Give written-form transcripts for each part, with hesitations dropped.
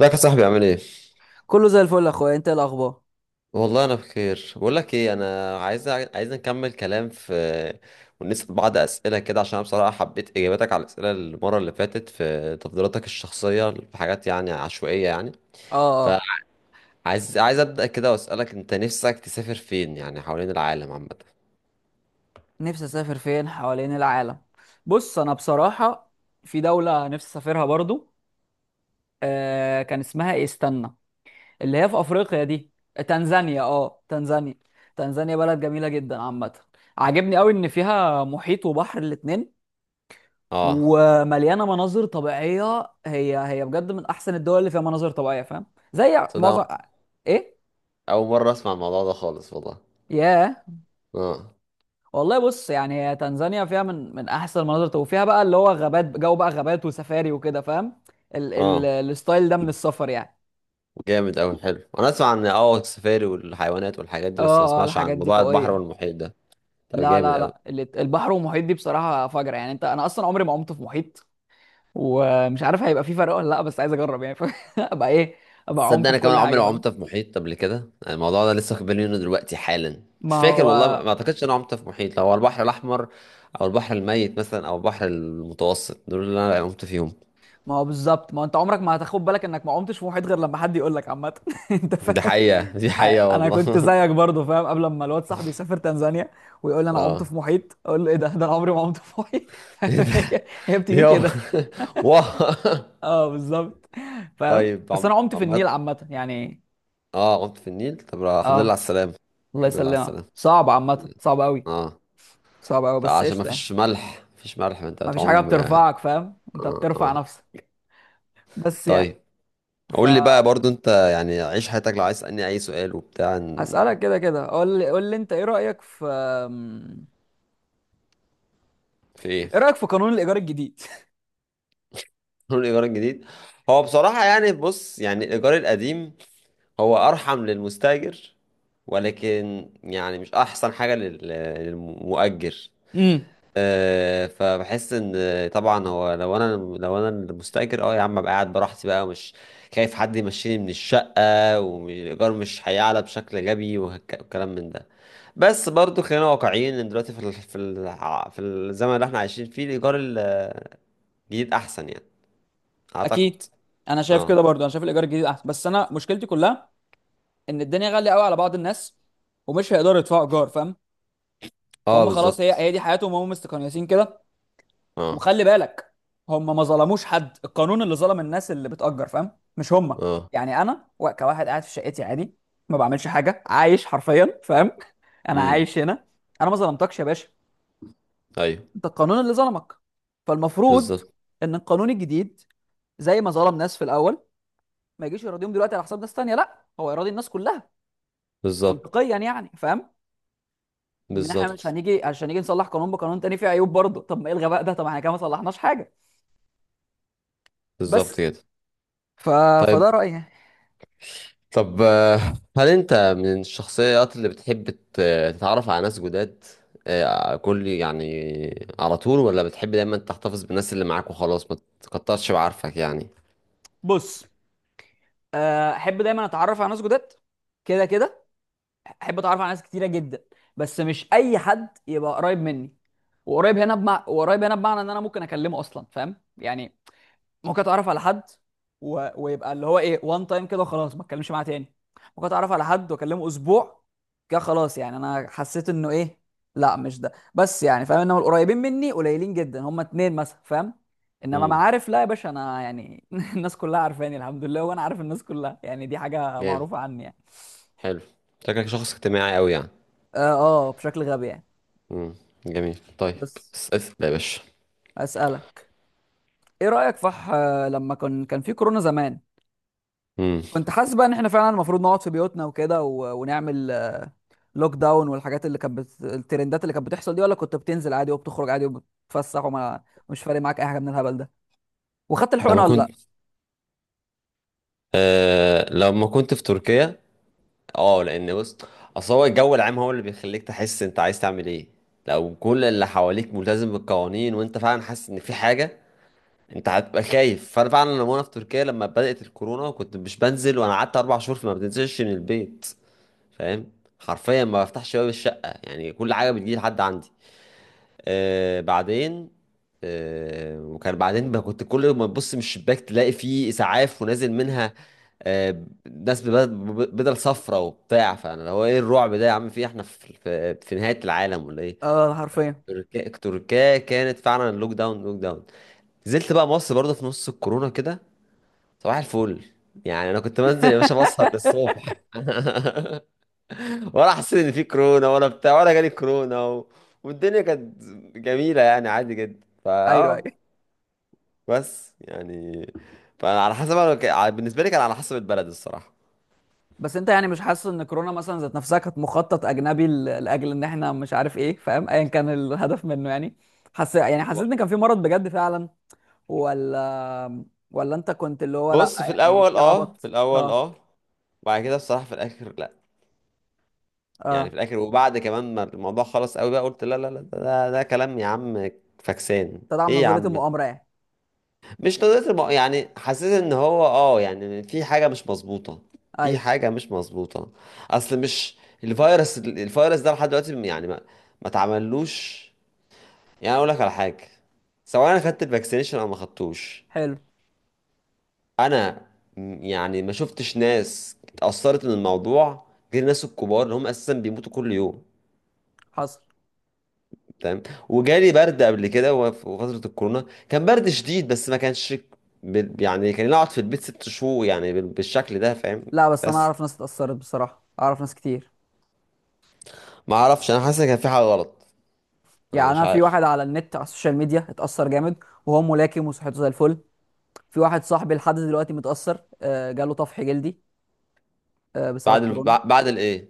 ازيك يا صاحبي؟ عامل ايه؟ كله زي الفل يا اخويا، انت إيه الاخبار؟ والله انا بخير. بقول لك ايه، انا عايز نكمل كلام في ونسأل بعض اسئله كده، عشان انا بصراحه حبيت اجاباتك على الاسئله المره اللي فاتت في تفضيلاتك الشخصيه في حاجات يعني عشوائيه يعني. اه. فعايز عايز ابدا كده واسالك انت نفسك، تسافر فين يعني حوالين العالم عامه؟ نفسي اسافر فين حوالين العالم؟ بص، انا بصراحه في دوله نفسي اسافرها برضو. آه، كان اسمها إيه؟ استنى. اللي هي في افريقيا دي. تنزانيا، اه تنزانيا. تنزانيا بلد جميله جدا عامه. عاجبني قوي ان فيها محيط وبحر الاتنين، اه. ومليانه مناظر طبيعيه. هي بجد من احسن الدول اللي فيها مناظر طبيعيه، فاهم؟ زي معظم. تصدق ايه؟ اول مره اسمع الموضوع ده خالص والله. ياه. اه والله بص، يعني هي تنزانيا فيها من احسن المناظر، وفيها بقى اللي هو غابات، جو بقى غابات وسفاري وكده، فاهم؟ ال اه. الستايل ده من السفر يعني. جامد اوي. حلو، انا اسمع عن السفاري والحيوانات والحاجات اه دي، بس ما اه اسمعش عن الحاجات دي موضوع البحر قوية. والمحيط ده. طب لا جامد لا اوي. لا، البحر والمحيط دي بصراحة فجرة يعني. انت، انا اصلا عمري ما عمت في محيط، ومش عارف هيبقى في فرق ولا لا، بس عايز اجرب يعني فاهم؟ ابقى ايه، ابقى تصدق عمت انا في كمان كل عمري حاجة، ما فاهم؟ عمت في محيط قبل كده، يعني الموضوع ده لسه واخد بالي منه دلوقتي حالا. مش ما فاكر هو، والله، ما اعتقدش ان انا عمت في محيط، لو هو البحر الاحمر او البحر الميت مثلا او البحر المتوسط، دول اللي انا عمت فيهم. ما هو بالظبط. ما هو انت عمرك ما هتاخد بالك انك ما عمتش في محيط غير لما حد يقول لك، عامة انت دي فاهم. حقيقة، دي آه، حقيقة انا والله. كنت زيك برضه فاهم، قبل ما الواد صاحبي يسافر تنزانيا ويقول لي انا عمت اه. في محيط، اقول له ايه ده؟ ده انا عمري ما عمت في محيط فاهم؟ هي بتيجي يو. كده واه. اه بالظبط. فاهم؟ طيب بس انا عمت في النيل عمت عامه يعني. اه عمت في النيل، طب الحمد لله على اه. السلامة. الله الحمد لله على يسلمك، السلامة. صعب عامه، صعب قوي. اه. صعب قوي، طيب بس عشان ما قشطه يعني. فيش ملح، مفيش ملح ما انت ما فيش حاجه هتعوم. اه. بترفعك، فاهم؟ انت بترفع اه. نفسك، بس يعني. طيب قول لي بقى فهسألك. برضو انت، يعني عيش حياتك لو عايز تسألني اي سؤال وبتاع كده كده، قول لي انت، ايه رأيك في... في ايه؟ ايه رأيك في قانون الايجار الجديد؟ قول، الايجار الجديد. هو بصراحة يعني، بص، يعني الايجار القديم هو ارحم للمستاجر، ولكن يعني مش احسن حاجة للمؤجر. امم. فبحس ان، طبعا هو لو انا لو انا المستاجر، يا عم ابقى قاعد براحتي بقى، ومش خايف حد يمشيني من الشقه، والايجار مش هيعلى بشكل غبي، وكلام من ده. بس برضو خلينا واقعيين، ان دلوقتي في الزمن اللي احنا عايشين فيه الايجار الجديد احسن يعني، اعتقد. اكيد. انا شايف اه كده برضو، انا شايف الايجار الجديد احسن، بس انا مشكلتي كلها ان الدنيا غاليه قوي على بعض الناس، ومش هيقدروا يدفعوا ايجار، فاهم؟ اه، فهم خلاص، هي بالظبط. هي دي حياتهم، هم مستقيسين كده. اه وخلي بالك، هم ما ظلموش حد. القانون اللي ظلم الناس اللي بتأجر، فاهم، مش هم. اه. يعني انا، كواحد قاعد في شقتي عادي، ما بعملش حاجه، عايش حرفيا، فاهم؟ انا امم. عايش هنا، انا ما ظلمتكش يا باشا. ايوه، انت القانون اللي ظلمك. فالمفروض بالظبط. ان القانون الجديد، زي ما ظلم ناس في الاول، ما يجيش يراضيهم دلوقتي على حساب ناس تانية. لا، هو يراضي الناس كلها بالظبط. منطقيا يعني، فاهم؟ ان احنا مش بالظبط. هنيجي عشان نيجي نصلح قانون بقانون تاني فيه عيوب برضه. طب ما الغى بقى ده، طب احنا كده ما صلحناش حاجه. بالظبط بس كده. ف... طيب. فده رايي يعني. طب هل انت من الشخصيات اللي بتحب تتعرف على ناس جداد كل يعني على طول، ولا بتحب دايما تحتفظ بالناس اللي معاك وخلاص ما تكترش بعارفك يعني؟ بص، آه، احب دايما اتعرف على ناس جداد. كده كده، احب اتعرف على ناس كتيره جدا، بس مش اي حد يبقى قريب مني. وقريب هنا بمعنى ان انا ممكن اكلمه اصلا، فاهم يعني؟ ممكن اتعرف على حد و... ويبقى اللي هو ايه، وان تايم كده وخلاص ما اتكلمش معاه تاني. ممكن اتعرف على حد واكلمه اسبوع كده خلاص، يعني انا حسيت انه ايه. لا، مش ده بس يعني فاهم، انما القريبين مني قليلين جدا، هما اتنين مثلا فاهم. انما امم معارف، لا يا باشا، انا يعني الناس كلها عارفاني الحمد لله، وانا عارف الناس كلها، يعني دي حاجة جامد. معروفة عني يعني. حلو. شكلك شخص اجتماعي قوي يعني. اه، آه، بشكل غبي يعني. امم جميل. طيب. بس بس اسال يا باشا. اسالك، ايه رايك فح... آه، لما كان في كورونا زمان، امم كنت حاسس بقى ان احنا فعلا المفروض نقعد في بيوتنا وكده و- ونعمل لوك داون، والحاجات اللي كانت بت... الترندات اللي كانت بتحصل دي؟ ولا كنت بتنزل عادي وبتخرج عادي وبتتفسح، وما مش فارق معاك اي حاجه من الهبل ده؟ وخدت الحقنه لما ولا لا؟ كنت، في تركيا. اه لان بص، اصل هو الجو العام هو اللي بيخليك تحس انت عايز تعمل ايه. لو كل اللي حواليك ملتزم بالقوانين وانت فعلا حاسس ان في حاجه، انت هتبقى خايف. فانا فعلا لما انا في تركيا لما بدأت الكورونا كنت مش بنزل، وانا قعدت اربع شهور فما بنزلش من البيت، فاهم؟ حرفيا ما بفتحش باب الشقة، يعني كل حاجة بتجي لحد عندي. آه بعدين آه وكان بعدين ما كنت كل ما تبص من الشباك تلاقي فيه اسعاف ونازل منها آه ناس بدل صفرة وبتاع. فانا اللي هو ايه الرعب ده يا عم؟ في إيه؟ احنا في نهاية العالم ولا ايه؟ اه حرفيا تركيا، تركيا كانت فعلا اللوك داون، لوك داون. نزلت بقى مصر برضه في نص الكورونا كده، صباح الفل، يعني انا كنت بنزل يا باشا بسهر للصبح. ولا حسيت ان في كورونا ولا بتاع، ولا جالي كورونا والدنيا كانت جميله يعني، عادي جدا ايوه ايوه. فاه بس يعني، فانا على حسب، بالنسبه لي كان على حسب البلد الصراحه. بس انت يعني مش حاسس ان كورونا مثلا ذات نفسها كانت مخطط اجنبي لاجل ان احنا مش عارف ايه، فاهم، ايا كان الهدف منه يعني؟ حس، يعني حسيت ب- ان كان في مرض بجد فعلا، ولا... ولا انت كنت اللي هو لا، بص في يعني الاول في اه، في عبط الاول اه؟ اه، وبعد كده بصراحه في الاخر لا. يعني في اه، الاخر وبعد كمان ما الموضوع خلص قوي بقى قلت لا لا لا، ده كلام يا عم. فاكسان. تدعم ايه يا نظريه عم، المؤامره يعني. مش قضية يعني حاسس ان هو يعني في حاجة مش مظبوطة، في ايوه. حاجة مش مظبوطة. اصل مش، الفيروس ده لحد دلوقتي يعني ما اتعملوش. يعني اقول لك على حاجة، سواء انا خدت الفاكسينيشن او ما خدتوش، حلو. انا يعني ما شفتش ناس اتأثرت من الموضوع غير الناس الكبار اللي هم اساسا بيموتوا كل يوم. حصل. تمام. وجالي برد قبل كده، في فترة الكورونا كان برد شديد، بس ما كانش يعني كان اقعد في البيت ست شهور يعني بالشكل ده، فاهم؟ لا بس انا بس اعرف ناس اتأثرت بصراحة، اعرف ناس كتير. ما اعرفش، انا حاسس ان كان في حاجة غلط. انا يعني مش انا في عارف. واحد على النت، على السوشيال ميديا، اتأثر جامد وهو ملاكم وصحته زي الفل. في واحد صاحبي لحد دلوقتي متأثر، آه، جاله طفح جلدي، آه، بسبب كورونا. بعد الايه،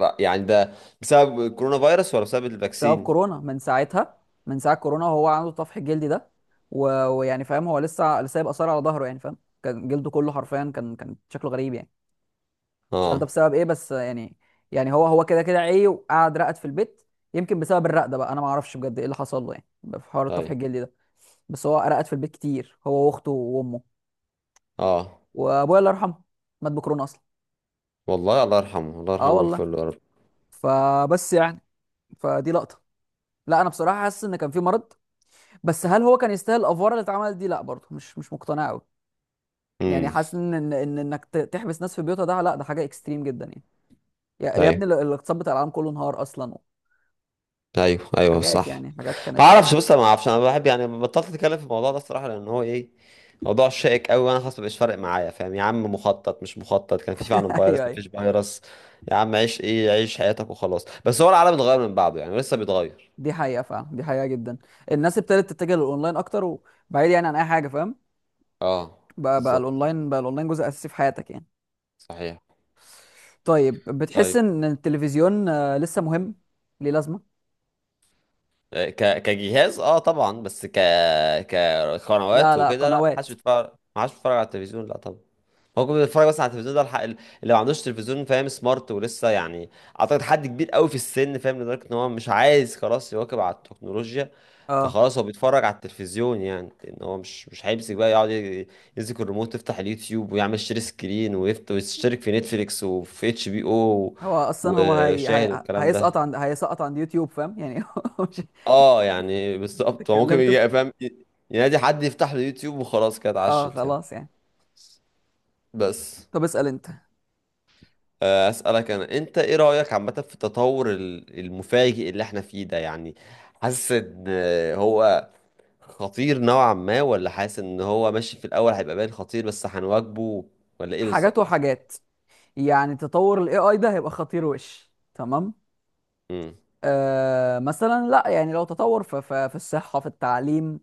يعني ده بسبب الكورونا فيروس ولا بسبب بسبب الفاكسين؟ كورونا، من ساعتها. من ساعة كورونا وهو عنده الطفح الجلدي ده، و- ويعني فاهم، هو لسه سايب آثار على ظهره يعني، فاهم؟ كان جلده كله حرفيا، كان شكله غريب يعني. مش عارف ده اه. بسبب ايه، بس آه، يعني يعني هو، هو كده كده عيه وقعد رقد في البيت. يمكن بسبب الرقدة بقى، انا ما اعرفش بجد ايه اللي حصل له يعني، في حوار الطفح طيب. الجلدي ده. بس هو رقد في البيت كتير، هو واخته وامه. اه وابويا الله يرحمه مات بكورونا اصلا. والله. الله يرحمه، الله يرحمه اه والله. ويغفر له يا رب. فبس يعني، فدي لقطه. لا انا بصراحه حاسس ان كان في مرض، بس هل هو كان يستاهل الافوار اللي اتعملت دي؟ لا برضه، مش مش مقتنع قوي. يعني امم. حاسس ان ان إن انك تحبس ناس في بيوتها ده، لا ده حاجه اكستريم جدا يعني. يا يا ايوه. ابني، الاقتصاد بتاع العالم كله انهار اصلا. ايوه ايوه، حاجات صح. يعني، حاجات ما كانت صعبه اعرفش، بص انا ما اعرفش، انا بحب يعني بطلت اتكلم في الموضوع ده الصراحه، لان هو ايه، موضوع شائك قوي، وانا خلاص مبقاش فارق معايا، فاهم يا عم، مخطط مش مخطط، كان في فعلا فيروس ايوه ايوه. مفيش فيروس. يا عم عيش حياتك وخلاص، بس هو العالم اتغير من بعده يعني، لسه بيتغير. دي حقيقه فعلا، دي حقيقه جدا. الناس ابتدت تتجه للاونلاين اكتر، وبعيد يعني عن اي حاجه، فاهم؟ اه، بقى بقى بالظبط. الاونلاين بقى الاونلاين جزء اساسي في حياتك يعني. صحيح. طيب بتحس طيب. ان التلفزيون، آه، لسه مهم؟ ليه لازمه؟ كجهاز، طبعا، بس لا كقنوات لا، وكده، لا، ما حدش قنوات. بيتفرج، ما حدش بيتفرج على التلفزيون، لا طبعا. هو كان بيتفرج بس على التلفزيون ده الحق اللي ما عندوش تلفزيون، فاهم، سمارت ولسه يعني، اعتقد حد كبير قوي في السن، فاهم، لدرجه ان هو مش عايز خلاص يواكب على التكنولوجيا. اه، فخلاص هو بيتفرج على التلفزيون، يعني ان هو مش هيمسك بقى يقعد يمسك الريموت، يفتح اليوتيوب ويعمل شير سكرين، ويشترك في نتفليكس وفي اتش بي او هو اصلا هو وشاهد والكلام هيسقط ده. عند هيسقط عند يوتيوب، فاهم يعني مش. اه يعني بالظبط، هو ممكن اتكلمت في. يبقى فاهم، ينادي حد يفتح له يوتيوب وخلاص كده، اه اتعشت يعني. خلاص يعني. بس طب اسأل انت. أسألك أنا، أنت إيه رأيك عامة في التطور المفاجئ اللي إحنا فيه ده يعني، حاسس إن هو خطير نوعا ما، ولا حاسس إن هو ماشي في الأول هيبقى باين خطير بس هنواجهه، ولا إيه حاجات بالظبط؟ وحاجات. يعني تطور الاي اي ده هيبقى خطير وش تمام. امم. آه، مثلا لا، يعني لو تطور في في الصحة، في التعليم،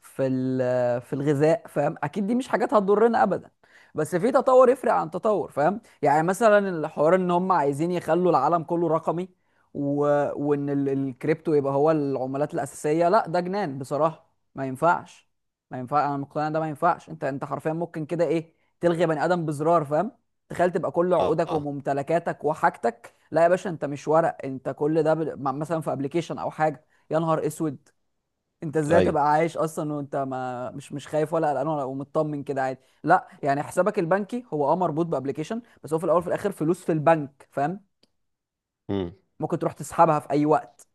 في في الغذاء، فاهم، اكيد دي مش حاجات هتضرنا ابدا. بس في تطور يفرق عن تطور فاهم، يعني مثلا الحوار ان هم عايزين يخلوا العالم كله رقمي، و... وان الكريبتو يبقى هو العملات الأساسية. لا ده جنان بصراحة، ما ينفعش. ما ينفع، انا مقتنع إن ده ما ينفعش. انت، انت حرفيا ممكن كده ايه، تلغي بني ادم بزرار فاهم. تخيل تبقى كل آه عقودك آه. وممتلكاتك وحاجتك، لا يا باشا انت مش ورق، انت كل ده مثلا في ابلكيشن او حاجه. يا نهار اسود. انت ازاي أيوه. تبقى عايش اصلا وانت ما مش مش خايف ولا قلقان ولا، ومطمن كده عادي؟ لا، يعني حسابك البنكي هو اه مربوط بابلكيشن، بس هو في الاول وفي الاخر فلوس في البنك، فاهم؟ امم، ممكن تروح تسحبها في اي وقت.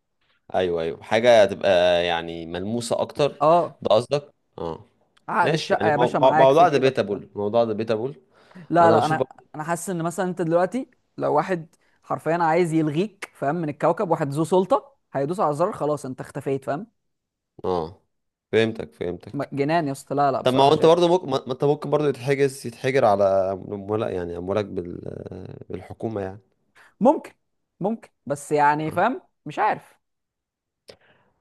أيوه أيوه، حاجة هتبقى يعني ملموسة أكتر، اه. ده قصدك؟ آه. عقد ماشي الشقه يعني، يا باشا معاك في موضوع جيبك، فاهم؟ ديبيتابل، موضوع ديبيتابل. لا أنا لا، بشوف انا، انا حاسس ان مثلا انت دلوقتي لو واحد حرفيا عايز يلغيك، فاهم، من الكوكب، واحد ذو سلطه هيدوس على الزرار، خلاص انت اختفيت، فاهم؟ آه، فهمتك، فهمتك. جنان يا اسطى. لا لا، طب ما بصراحه هو انت شايف. برضه ممكن، ما انت ممكن برضه يتحجر على مولك يعني، اموالك بالحكومه يعني. ممكن، ممكن، بس يعني آه. فاهم، مش عارف.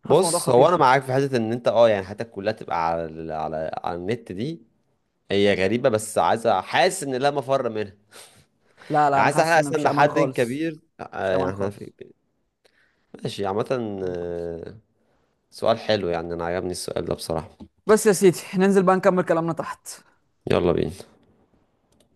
حاسس الموضوع بص خطير هو انا شويه. معاك في حته ان انت، يعني حياتك كلها تبقى على على النت دي، هي غريبه، بس عايز، حاسس ان لا مفر منها. لا يعني لا، انا عايز حاسس احنا ان اصلا مفيش امان لحد خالص. كبير مفيش يعني امان احنا في. خالص. ماشي عامه. امان خالص. سؤال حلو يعني، انا عجبني السؤال ده بصراحه. بس يا سيدي ننزل بقى نكمل كلامنا تحت. يلا بينا.